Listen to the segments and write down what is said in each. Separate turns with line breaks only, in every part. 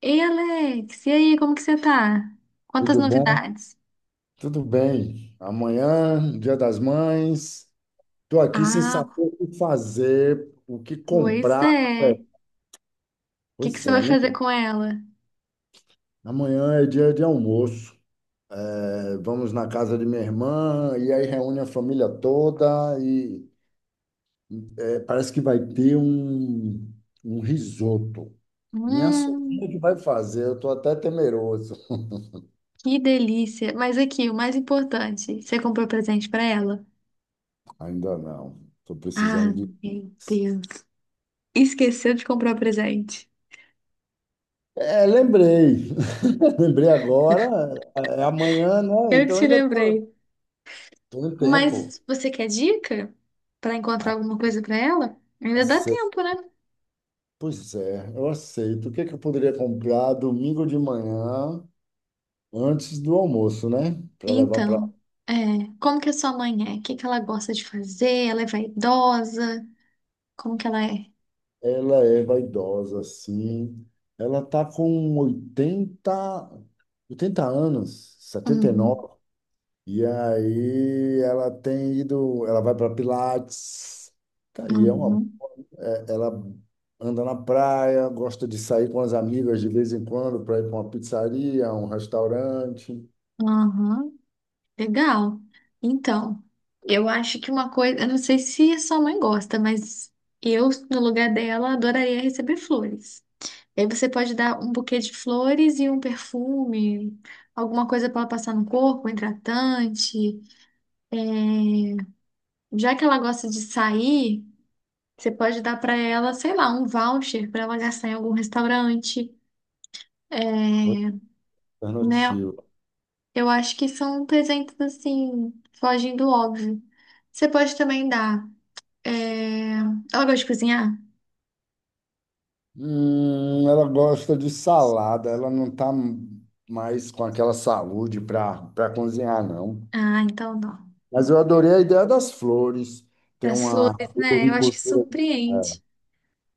Ei, Alex, e aí, como que você tá? Quantas
Tudo bom?
novidades?
Tudo bem. Amanhã, Dia das Mães. Estou aqui sem saber
Ah,
o que fazer, o que
pois
comprar.
é. O que que
Pois
você vai
é, minha-
fazer com ela?
amanhã é dia de almoço. É, vamos na casa de minha irmã e aí reúne a família toda e é, parece que vai ter um risoto. Minha sobrinha que
Hum,
vai fazer, eu estou até temeroso.
que delícia. Mas aqui, o mais importante, você comprou presente pra ela?
Ainda não. Estou
Ah,
precisando de
meu Deus. Esqueceu de comprar presente.
é, lembrei. Lembrei agora, é amanhã, né?
Eu que
Então
te
ainda tô-
lembrei.
tenho tempo.
Mas você quer dica pra encontrar
Ah,
alguma coisa pra ela? Ainda dá
ace-
tempo, né?
pois é, eu aceito. O que é que eu poderia comprar domingo de manhã, antes do almoço, né? Para levar para
Então, é, como que a sua mãe é? O que que ela gosta de fazer? Ela é vaidosa? Como que ela é?
ela, é vaidosa, assim. Ela tá com oitenta anos, 79. E
Uhum,
nove. E aí ela tem ido, ela vai para Pilates. Tá aí, é uma
uhum,
ela anda na praia, gosta de sair com as amigas de vez em quando para ir para uma pizzaria, um restaurante.
uhum. Legal. Então, eu acho que uma coisa, eu não sei se a sua mãe gosta, mas eu, no lugar dela, adoraria receber flores. E aí você pode dar um buquê de flores e um perfume, alguma coisa para ela passar no corpo, um hidratante. Já que ela gosta de sair, você pode dar para ela, sei lá, um voucher para ela gastar em algum restaurante,
Outra
né?
alternativa.
Eu acho que são presentes assim, fogem do óbvio. Você pode também dar. é, Ela gosta de cozinhar?
Ela gosta de salada, ela não está mais com aquela saúde para cozinhar, não.
Ah, então não.
Mas eu adorei a ideia das flores. Tem
As
uma
flores, né? Eu acho que
floricultura. É,
surpreende.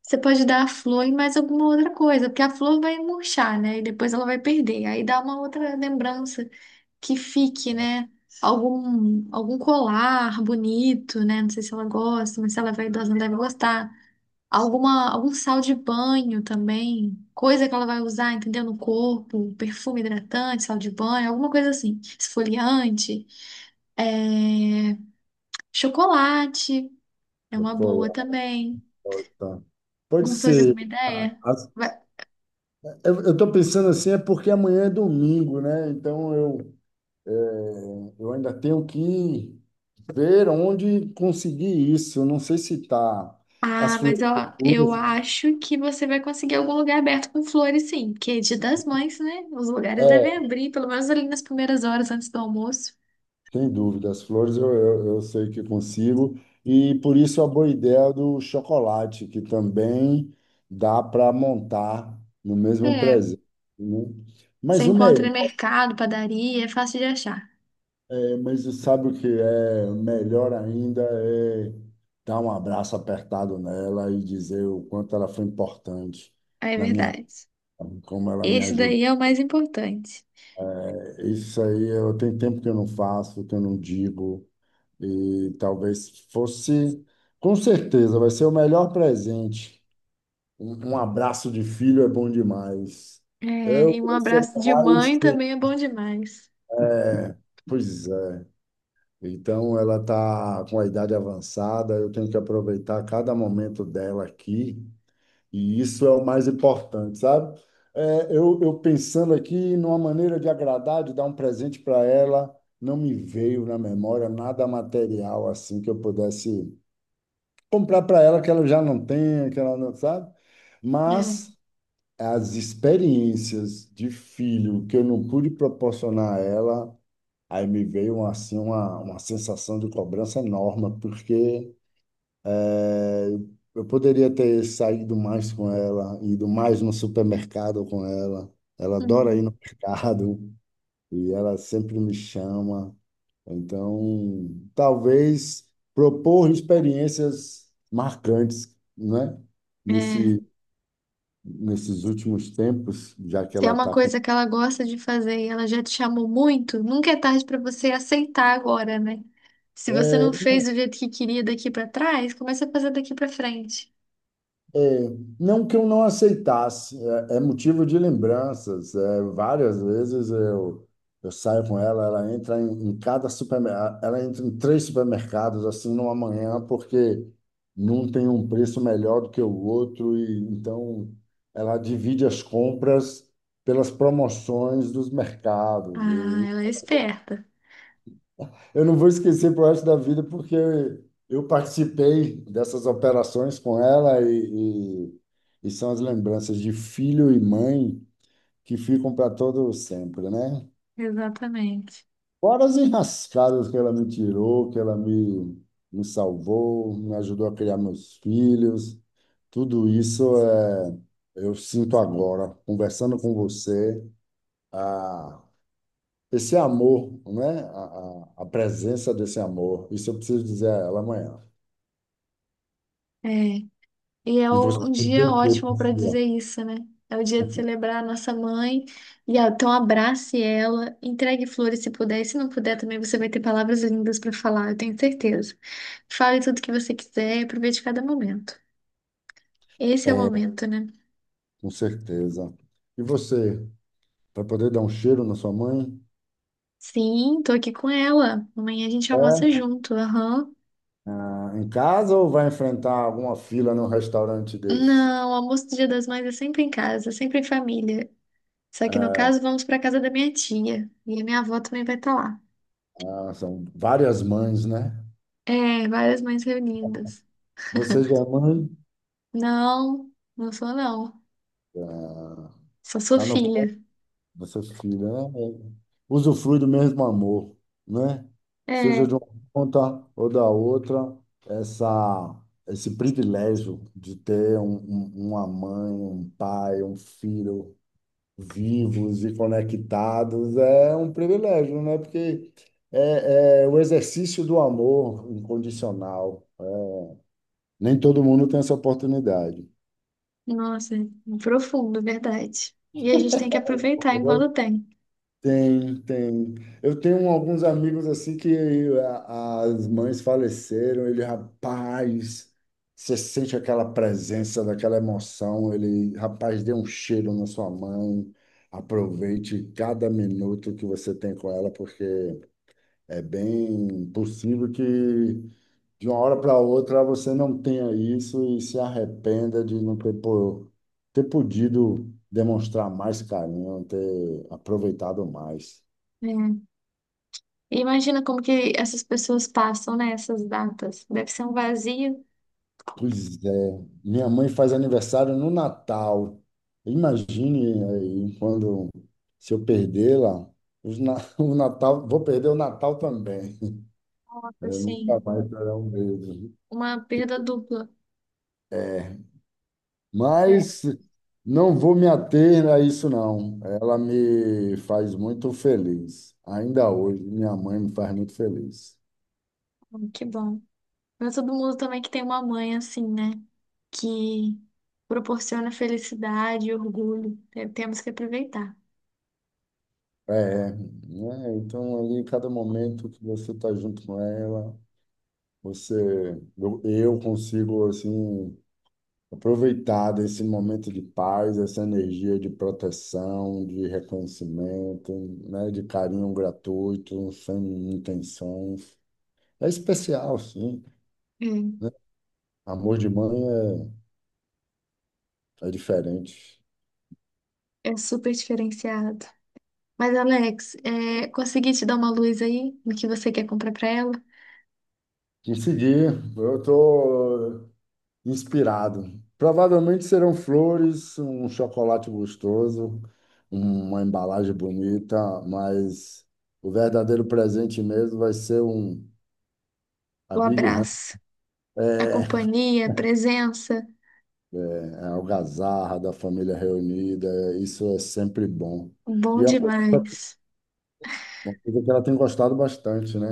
Você pode dar a flor e mais alguma outra coisa, porque a flor vai murchar, né? E depois ela vai perder. Aí dá uma outra lembrança que fique, né? Algum colar bonito, né? Não sei se ela gosta, mas se ela vai idosa, não deve gostar. Algum sal de banho também, coisa que ela vai usar, entendeu? No corpo, perfume hidratante, sal de banho, alguma coisa assim, esfoliante, é, chocolate é uma
chocolate.
boa também.
Pode
Gostou de
ser.
alguma ideia?
As-
Vai-
eu estou pensando assim, é porque amanhã é domingo, né? Então eu é, eu ainda tenho que ver onde conseguir isso. Eu não sei se tá as
Ah,
flores,
mas eu acho que você vai conseguir algum lugar aberto com flores, sim, porque é Dia das Mães, né? Os lugares devem
é,
abrir, pelo menos ali nas primeiras horas antes do almoço.
sem dúvida, as flores eu sei que consigo. E por isso a boa ideia do chocolate, que também dá para montar no mesmo
É,
presente, né?
você
Mas o
encontra
melhor,
em mercado, padaria, é fácil de achar.
é, mas sabe o que é melhor ainda é dar um abraço apertado nela e dizer o quanto ela foi importante
É
na minha
verdade.
vida, como ela me
Esse
ajudou.
daí é o mais importante.
Isso aí, eu tenho tempo que eu não faço, que eu não digo, e talvez fosse, com certeza, vai ser o melhor presente. Um abraço de filho é bom demais.
É,
Eu,
e um
eu sou
abraço de
pai, eu
mãe
sei.
também é bom demais.
Pois é. Então, ela está com a idade avançada, eu tenho que aproveitar cada momento dela aqui. E isso é o mais importante, sabe? É, eu pensando aqui numa maneira de agradar, de dar um presente para ela, não me veio na memória nada material assim que eu pudesse comprar para ela que ela já não tem, que ela não sabe.
É.
Mas as experiências de filho que eu não pude proporcionar a ela, aí me veio assim uma sensação de cobrança enorme, porque é, eu poderia ter saído mais com ela, ido mais no supermercado com ela. Ela adora ir
Hum,
no mercado e ela sempre me chama. Então, talvez propor experiências marcantes, né?
é.
Nesse, nesses últimos tempos, já que
Se é
ela
uma
está com.
coisa que ela gosta de fazer e ela já te chamou muito, nunca é tarde para você aceitar agora, né? Se você não
É,
fez do jeito que queria daqui para trás, começa a fazer daqui para frente.
É, não que eu não aceitasse, é motivo de lembranças. É, várias vezes eu saio com ela, ela entra em cada supermercado, ela entra em três supermercados assim numa manhã, porque não tem um preço melhor do que o outro, e então ela divide as compras pelas promoções dos mercados.
Ah, ela é esperta.
Eu não vou esquecer pro resto da vida, porque eu participei dessas operações com ela e são as lembranças de filho e mãe que ficam para todo sempre, né?
Exatamente.
Fora as enrascadas que ela me tirou, me salvou, me ajudou a criar meus filhos, tudo isso é, eu sinto agora, conversando com você, a, esse amor, né? A presença desse amor. Isso eu preciso dizer a ela amanhã.
É. E é
E você
um
vai
dia
o quê,
ótimo para
Priscila?
dizer isso, né? É o dia de celebrar a nossa mãe. E ah, então abrace ela, entregue flores se puder. E se não puder também, você vai ter palavras lindas para falar, eu tenho certeza. Fale tudo que você quiser e aproveite cada momento. Esse é o
É,
momento, né?
com certeza. E você, vai poder dar um cheiro na sua mãe?
Sim, tô aqui com ela. Amanhã a gente almoça
É?
junto, aham.
Ah, em casa ou vai enfrentar alguma fila num restaurante desse?
Não, o almoço do Dia das Mães é sempre em casa, sempre em família. Só que no
É,
caso, vamos para casa da minha tia. E a minha avó também vai estar lá.
ah, são várias mães, né?
É, várias mães reunidas.
Você já é mãe?
Não, não sou não.
Ah,
Só sou
tá no
filha.
essa filha, né? Usufrui do mesmo amor, né? Seja de
É,
uma ponta ou da outra, essa, esse privilégio de ter uma mãe, um pai, um filho vivos e conectados é um privilégio, né? Porque é o exercício do amor incondicional. Nem todo mundo tem essa oportunidade.
nossa, profundo, verdade. E a gente tem que aproveitar enquanto tem.
Tem. Eu tenho alguns amigos assim que a- as mães faleceram, ele, rapaz, você sente aquela presença, daquela emoção, ele, rapaz, dê um cheiro na sua mãe, aproveite cada minuto que você tem com ela, porque é bem possível que de uma hora para outra você não tenha isso e se arrependa de não ter, po- ter podido demonstrar mais carinho, ter aproveitado mais.
É. E imagina como que essas pessoas passam, né, essas datas. Deve ser um vazio,
Pois é, minha mãe faz aniversário no Natal. Imagine aí quando se eu perdê-la, os na- o Natal, vou perder o Natal também. É, nunca
assim,
mais será um mesmo.
uma perda dupla. É.
Mas não vou me ater a isso, não. Ela me faz muito feliz. Ainda hoje, minha mãe me faz muito feliz.
Que bom. Não é todo mundo também que tem uma mãe assim, né, que proporciona felicidade e orgulho. Temos que aproveitar.
É, né? Então ali, cada momento que você está junto com ela. Você, eu consigo assim aproveitar desse momento de paz, essa energia de proteção, de reconhecimento, né, de carinho gratuito, sem intenções. É especial, sim, né? Amor de mãe é diferente.
É, é super diferenciado. Mas, Alex, consegui te dar uma luz aí no que você quer comprar pra ela?
Em seguir, eu tô inspirado. Provavelmente serão flores, um chocolate gostoso, uma embalagem bonita, mas o verdadeiro presente mesmo vai ser um a
O
Big Hand,
abraço, a
é
companhia, a presença,
é a algazarra da família reunida. Isso é sempre bom.
bom
E é
demais.
uma coisa que ela tem gostado bastante, né?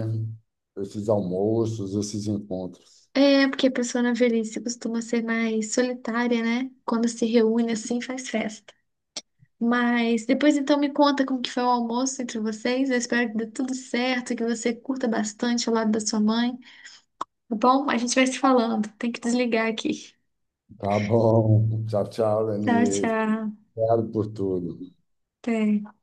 Esses almoços, esses encontros.
É, porque a pessoa na velhice costuma ser mais solitária, né? Quando se reúne assim, faz festa. Mas depois então me conta como que foi o almoço entre vocês. Eu espero que dê tudo certo, que você curta bastante ao lado da sua mãe, tá bom? A gente vai se falando. Tem que desligar aqui.
Tá bom. Tchau, tchau,
Tchau,
Lenise.
tchau.
Obrigado por tudo.
Até.